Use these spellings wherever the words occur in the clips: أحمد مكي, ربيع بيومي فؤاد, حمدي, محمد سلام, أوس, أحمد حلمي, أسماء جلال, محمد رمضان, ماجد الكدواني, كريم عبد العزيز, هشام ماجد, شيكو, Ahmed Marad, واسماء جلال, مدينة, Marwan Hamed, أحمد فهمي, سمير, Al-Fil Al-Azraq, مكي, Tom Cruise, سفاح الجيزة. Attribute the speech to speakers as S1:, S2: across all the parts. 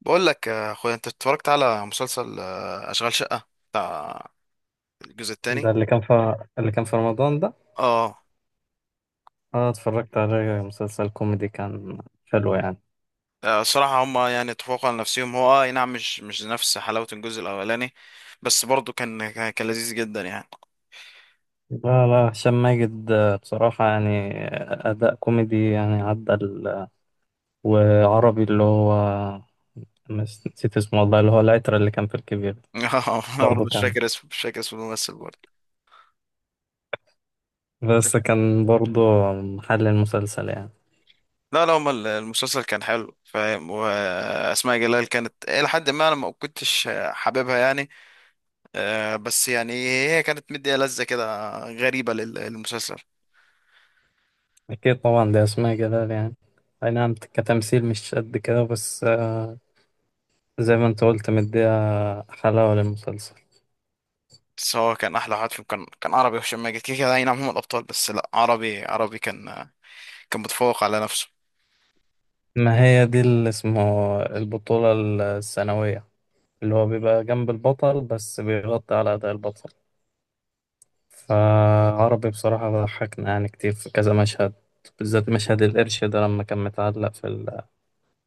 S1: بقول لك يا اخويا انت اتفرجت على مسلسل اشغال شقة بتاع الجزء
S2: ده
S1: الثاني.
S2: اللي كان في رمضان ده.
S1: اه.
S2: اه، اتفرجت عليه. مسلسل كوميدي كان حلو يعني.
S1: الصراحة هما يعني اتفقوا على نفسهم، هو أي نعم، مش نفس حلاوة الجزء الاولاني. بس برضه كان لذيذ جدا يعني.
S2: لا لا، هشام ماجد، بصراحة يعني أداء كوميدي يعني عدى وعربي، اللي هو نسيت اسمه والله، اللي هو العترة اللي كان في الكبير.
S1: اه، انا برضه
S2: برضه
S1: مش
S2: كان
S1: فاكر اسمه، مش فاكر اسم الممثل برضه.
S2: بس كان برضه محل المسلسل يعني.
S1: لا، لا، هما المسلسل كان حلو فاهم. واسماء جلال كانت الى حد ما انا ما كنتش حاببها يعني. بس يعني هي كانت مدية لذة كده غريبة للمسلسل.
S2: أكيد طبعا، ده أسماء جلال يعني. أي نعم، كتمثيل مش قد كده، بس زي ما أنت قلت مديها حلاوة للمسلسل.
S1: بس هو كان احلى واحد فيهم، كان عربي وهشام ماجد، كده كده، اي نعم هم الابطال. بس لا، عربي عربي كان متفوق على نفسه.
S2: ما هي دي اللي اسمه البطولة السنوية، اللي هو بيبقى جنب البطل بس بيغطي على أداء البطل. فعربي بصراحة ضحكنا يعني كتير في كذا مشهد، بالذات مشهد القرش ده لما كان متعلق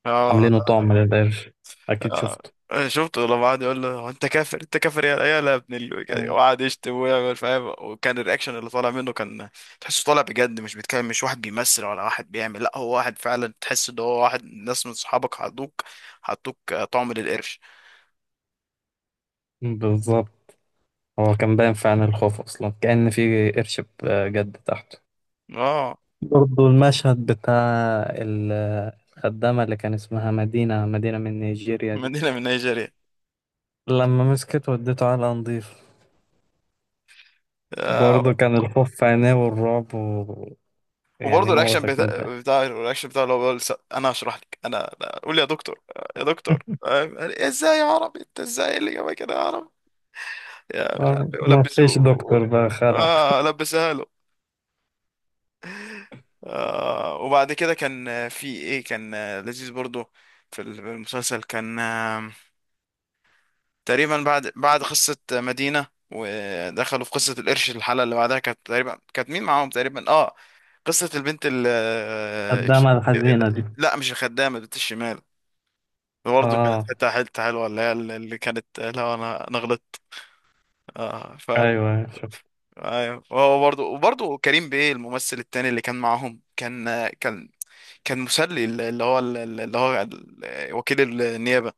S1: اه.
S2: عاملينه طعم للقرش. أكيد
S1: آه.
S2: شفته.
S1: شفته لما قعد يقول له "هو انت كافر انت كافر يا لا ابن ال-"
S2: آه.
S1: وقعد يشتم ويعمل فاهم، وكان الرياكشن اللي طالع منه كان تحسه طالع بجد، مش بيتكلم، مش واحد بيمثل ولا واحد بيعمل. لا، هو واحد فعلا تحس ان هو واحد ناس من صحابك حطوك طعم للقرش.
S2: بالظبط. هو كان باين في عين الخوف أصلا، كأن في قرش بجد تحته.
S1: اه،
S2: برضه المشهد بتاع ال- الخدامة اللي كان اسمها مدينة من نيجيريا دي،
S1: مدينة من نيجيريا.
S2: لما مسكت وديته على نضيف. برضه كان الخوف في عينيه والرعب يعني
S1: وبرضه الرياكشن
S2: موتك من
S1: بتاع
S2: الضحك.
S1: بتاع الرياكشن بتاعه اللي هو بيقول انا هشرح لك، انا قول لي يا دكتور، يا دكتور، فاهم؟ يعني ازاي يا عربي؟ انت ازاي اللي جابك كده يا عربي؟ يا مش عارف ايه،
S2: ما فيش دكتور
S1: ولبسوه.
S2: بقى خلع
S1: اه، لبسها له. وبعد كده كان في ايه؟ كان لذيذ برضه في المسلسل. كان تقريبا بعد قصة مدينة ودخلوا في قصة القرش. الحلقة اللي بعدها كانت تقريبا، كانت مين معاهم؟ تقريبا اه، قصة البنت ال-.
S2: قدامها، الحزينة دي.
S1: لا، مش الخدامة، بنت الشمال. برضه كانت
S2: اه،
S1: حتة حتة حلوة اللي هي اللي كانت. لا، أنا غلطت. آه ف
S2: ايوه شفت،
S1: أيوة. وهو برضه كريم بيه، الممثل التاني اللي كان معاهم، كان كان مسلي، اللي هو وكيل النيابة.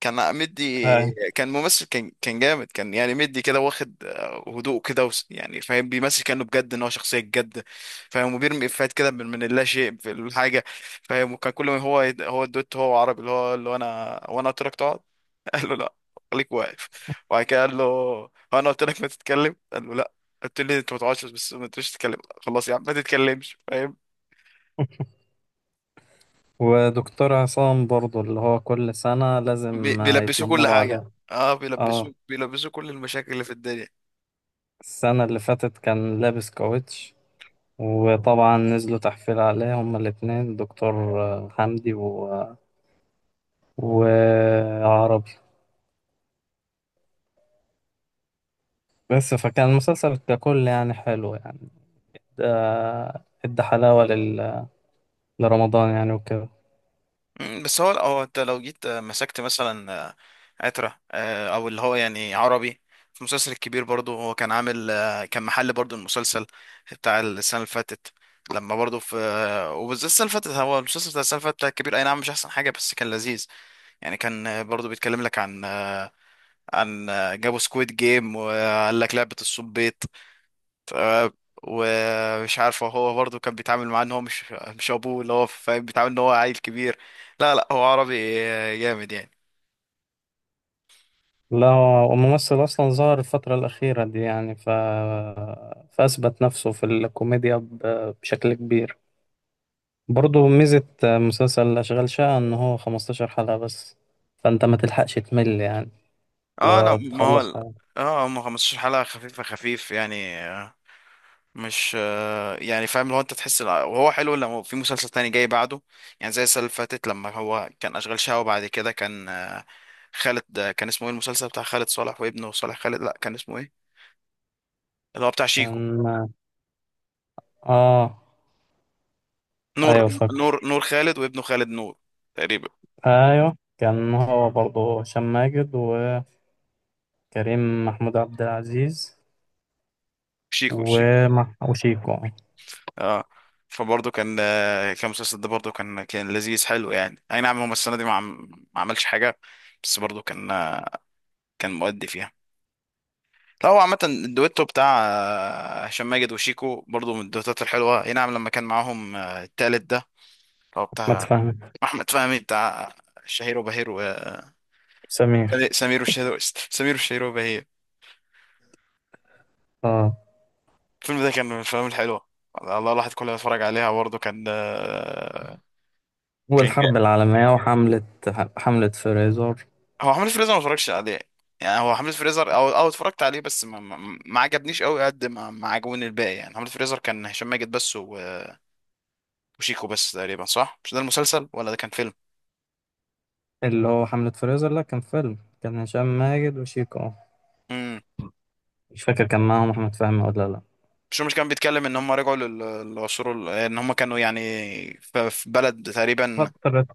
S1: كان مدي،
S2: ايوه.
S1: كان ممثل، كان جامد، كان يعني مدي كده، واخد هدوء كده. يعني فاهم، بيمثل كأنه بجد إن هو شخصية بجد، فاهم. وبيرمي إفيهات كده من اللا شيء في الحاجة، فاهم. وكان كل ما هو هو الدوت، هو عربي، اللي هو أنا، وأنا قلت لك تقعد، قال له لا، خليك واقف. وبعد كده قال له: هو انا قلت لك ما تتكلم؟ قال له لا، قلت لي انت ما تقعدش، بس ما تقولش تتكلم. خلاص يا عم، ما تتكلمش، فاهم.
S2: ودكتور عصام برضه، اللي هو كل سنة لازم
S1: بيلبسوه كل
S2: يتنمروا
S1: حاجه.
S2: عليه.
S1: اه،
S2: اه.
S1: بيلبسوه كل المشاكل اللي في الدنيا.
S2: السنة اللي فاتت كان لابس كاوتش، وطبعا نزلوا تحفيل عليه هما الاتنين، دكتور حمدي وعربي. بس فكان المسلسل ككل يعني حلو يعني. ده ادى حلاوة لرمضان يعني وكده.
S1: بس هو انت لو جيت مسكت مثلا عترة، او اللي هو يعني عربي في المسلسل الكبير، برضه هو كان عامل كان محل برضه المسلسل بتاع السنه اللي فاتت. لما برضه في وبالذات السنه اللي فاتت، هو المسلسل بتاع السنه اللي فاتت بتاع الكبير، اي نعم مش احسن حاجه، بس كان لذيذ يعني. كان برضو بيتكلم لك عن عن جابوا سكويد جيم وقال لك لعبة الصبيط. ومش عارفه، هو برضو كان بيتعامل معاه ان هو مش ابوه، اللي هو فاهم، بيتعامل ان هو عيل كبير. لا، لا، هو عربي جامد يعني.
S2: لا، هو الممثل أصلا ظهر الفترة الأخيرة دي يعني فأثبت نفسه في الكوميديا بشكل كبير. برضه ميزة مسلسل أشغال شقة إن هو 15 حلقة بس، فأنت ما تلحقش تمل يعني، اللي
S1: اه، لا،
S2: هو
S1: ما هو
S2: تخلص حاجة.
S1: هم 15 حلقة خفيفة، خفيف يعني. مش يعني فاهم، لو انت تحس وهو حلو لما في مسلسل تاني جاي بعده. يعني زي السنة اللي فاتت، لما هو كان أشغال شقة، وبعد كده كان خالد، كان اسمه ايه المسلسل بتاع خالد صالح وابنه؟ صالح خالد؟ لا، كان اسمه ايه؟ اللي هو بتاع شيكو.
S2: كان. آه.
S1: نور
S2: أيوه فاكر.
S1: نور خالد وابنه خالد نور، تقريبا.
S2: أيوه. كان هو برضه هشام ماجد وكريم، محمود عبد العزيز،
S1: شيكو شيكو.
S2: وشيكو، أحمد
S1: اه، فبرضه كان كان المسلسل ده برضه كان لذيذ حلو يعني. اي نعم، هو السنة دي ما عملش حاجة. بس برضه كان مؤدي فيها. لا، هو عامة الدويتو بتاع هشام ماجد وشيكو برضو من الدويتات الحلوة. اي نعم، لما كان معاهم التالت ده اللي هو بتاع
S2: فهمي،
S1: أحمد فهمي، بتاع شهير وبهير
S2: سمير.
S1: سمير وشهير سمير وشهير وبهير.
S2: اه.
S1: الفيلم ده كان من الأفلام الحلوة. الله، الواحد كله يتفرج عليها. برضه كان جاي.
S2: والحرب العالمية، وحملة، حملة فريزر.
S1: هو حملة فريزر ما اتفرجش عليه. يعني هو حملة فريزر، او اتفرجت عليه، بس ما عجبنيش قوي قد ما عجبوني الباقي يعني. حملة فريزر كان هشام ماجد بس وشيكو بس تقريبا، صح؟ مش ده المسلسل، ولا ده كان
S2: اللي هو حملة فريزر، لا كان فيلم، كان هشام ماجد وشيكو. آه.
S1: فيلم؟
S2: مش فاكر كان معاهم أحمد فهمي ولا لا.
S1: مش كان بيتكلم ان هم رجعوا للعصور ان هم كانوا يعني في بلد تقريبا.
S2: فترة.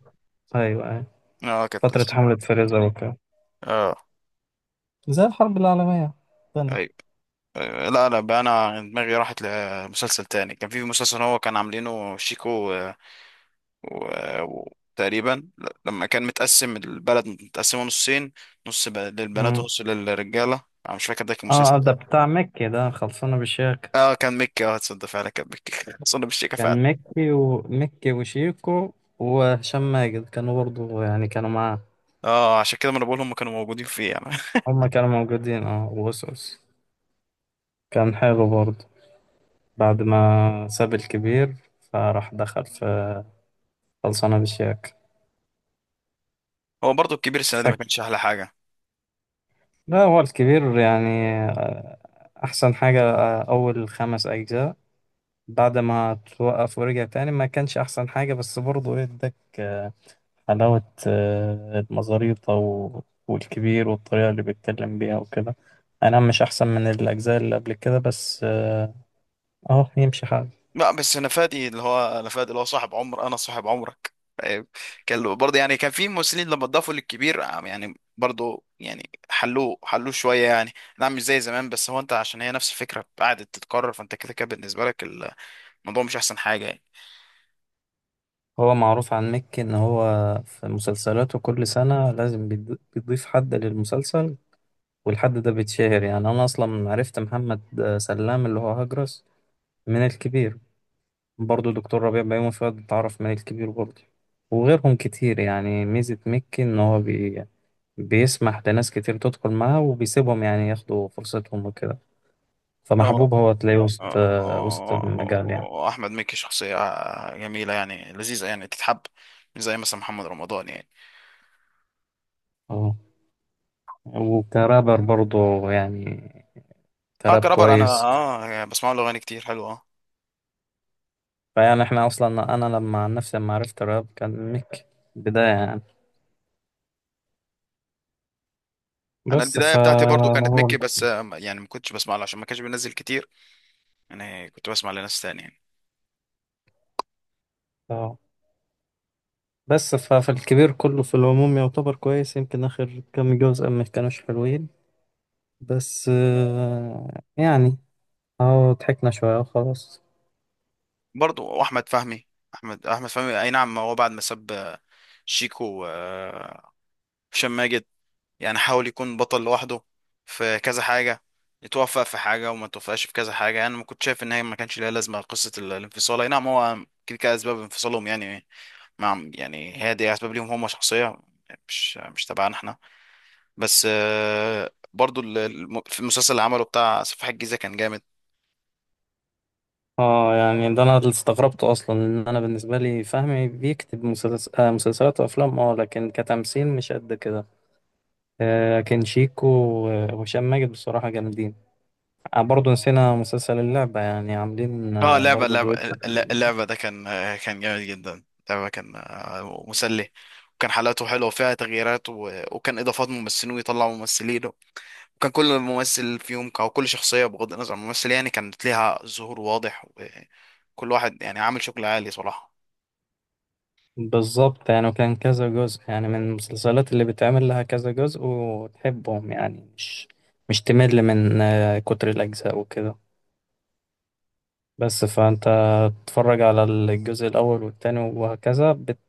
S2: أيوة أيوة.
S1: اه، كانت.
S2: فترة حملة فريزر وكده،
S1: اه.
S2: زي الحرب العالمية الثانية.
S1: ايوه. أيوة. لا، لا بقى، انا دماغي راحت لمسلسل تاني. كان في مسلسل هو كان عاملينه شيكو و... تقريبا، لما كان متقسم البلد، متقسمه نصين، نص للبنات
S2: مم.
S1: ونص للرجاله. انا مش فاكر ده كان
S2: اه،
S1: مسلسل
S2: ده
S1: يعني.
S2: بتاع مكي ده، خلصانة بالشيخ.
S1: اه، كان مكي. اه، تصدق فعلا كان مكي اصلا بالشيكه فعلا.
S2: كان مكي وشيكو وهشام ماجد كانوا برضو يعني كانوا معاه.
S1: اه، عشان كده ما انا بقول هم كانوا موجودين فيه يعني.
S2: هما كانوا موجودين، اه، وأوس أوس. كان حلو برضه بعد ما ساب الكبير، فراح دخل في خلصانة بشياك.
S1: هو برضو الكبير السنه دي ما
S2: فك،
S1: كانش احلى حاجه.
S2: لا هو الكبير يعني آه، أحسن حاجة أول خمس أجزاء. بعد ما توقف ورجع تاني، ما كانش أحسن حاجة، بس برضه ادك حلاوة المزاريطة والكبير، والطريقة اللي بيتكلم بيها وكده. أنا مش أحسن من الأجزاء اللي قبل كده، بس أهو يمشي حال.
S1: لا بس، انا فادي اللي هو صاحب عمر، انا صاحب عمرك فاهم؟ برضه يعني كان في ممثلين لما اتضافوا للكبير يعني برضه يعني حلوه، حلوه شويه يعني. نعم، مش زي زمان. بس هو انت عشان هي نفس الفكره قعدت تتكرر، فانت كده كده بالنسبه لك الموضوع مش احسن حاجه يعني.
S2: هو معروف عن مكي ان هو في مسلسلاته كل سنة لازم بيضيف حد للمسلسل، والحد ده بيتشهر. يعني انا اصلا عرفت محمد سلام، اللي هو هجرس، من الكبير. برضه دكتور ربيع، بيومي فؤاد، اتعرف من الكبير برضه، وغيرهم كتير. يعني ميزة مكي ان هو بيسمح لناس كتير تدخل معاه، وبيسيبهم يعني ياخدوا فرصتهم وكده.
S1: هو
S2: فمحبوب، هو تلاقيه وسط المجال يعني.
S1: احمد مكي شخصيه جميله يعني، لذيذه يعني، تتحب. مش زي مثلا محمد رمضان يعني.
S2: اه، وكرابر برضه يعني،
S1: اه،
S2: كراب
S1: كرابر انا
S2: كويس.
S1: بسمع له اغاني كتير حلوه.
S2: فيعني احنا اصلا، انا لما عن نفسي لما عرفت الراب كان ميك بداية يعني،
S1: انا
S2: بس
S1: البدايه
S2: ف
S1: بتاعتي برضو كانت
S2: هو
S1: ميكي، بس يعني ما كنتش بسمع له عشان ما كانش بينزل كتير. انا كنت بسمع لناس تانية يعني.
S2: اه. بس ففي الكبير كله في العموم يعتبر كويس، يمكن اخر كام جزء ما كانوش حلوين بس يعني اه، ضحكنا شوية وخلاص.
S1: برضو واحمد فهمي. احمد فهمي، اي نعم هو بعد ما ساب شيكو وهشام ماجد، يعني حاول يكون بطل لوحده في كذا حاجه. يتوفق في حاجه وما توفقش في كذا حاجه. انا ما كنت شايف ان هي ما كانش ليها لازمه، قصه الانفصال. اي نعم، هو كده كده اسباب انفصالهم يعني، مع يعني، هي دي اسباب ليهم هم شخصيه، مش تبعنا احنا. بس برضو في المسلسل اللي عمله بتاع سفاح الجيزة كان جامد.
S2: اه يعني، ده انا اللي استغربته اصلا، ان انا بالنسبة لي فهمي بيكتب مسلسلات وافلام. اه لكن كتمثيل مش قد كده. لكن شيكو وهشام ماجد بصراحة جامدين. برضه نسينا مسلسل اللعبة، يعني عاملين
S1: اه،
S2: برضه دويت.
S1: اللعبة ده كان جامد جدا. اللعبة كان مسلي، وكان حلقاته حلوة وفيها تغييرات وكان إضافات ممثلين ويطلعوا ممثلين. وكان كل ممثل فيهم، أو كل شخصية بغض النظر عن الممثل، يعني كانت ليها ظهور واضح. وكل واحد يعني عامل شغل عالي صراحة.
S2: بالظبط يعني، وكان كذا جزء يعني، من المسلسلات اللي بتعمل لها كذا جزء وتحبهم، يعني مش تمل من كتر الأجزاء وكده. بس فأنت تتفرج على الجزء الأول والتاني وهكذا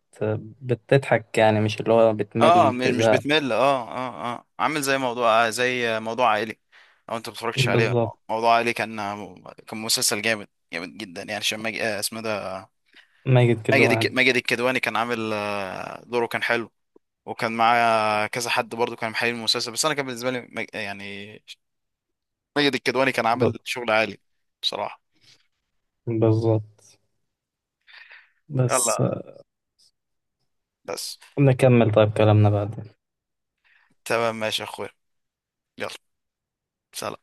S2: بتضحك يعني، مش اللي هو
S1: اه،
S2: بتمل
S1: مش
S2: تزهق.
S1: بتمل. اه عامل زي موضوع عائلي، لو انت متفرجتش عليه.
S2: بالظبط.
S1: موضوع عائلي، كان مسلسل جامد، جامد جدا يعني. عشان ماجد اسمه ده،
S2: ماجد كده يعني.
S1: ماجد الكدواني كان عامل دوره كان حلو. وكان معاه كذا حد برضو، كان محلل المسلسل، بس انا كان بالنسبه لي يعني ماجد الكدواني كان
S2: ب-
S1: عامل شغل عالي بصراحه.
S2: بالظبط. بس
S1: يلا، بس.
S2: نكمل طيب كلامنا بعدين.
S1: تمام، ماشي يا اخويا. يلا، سلام.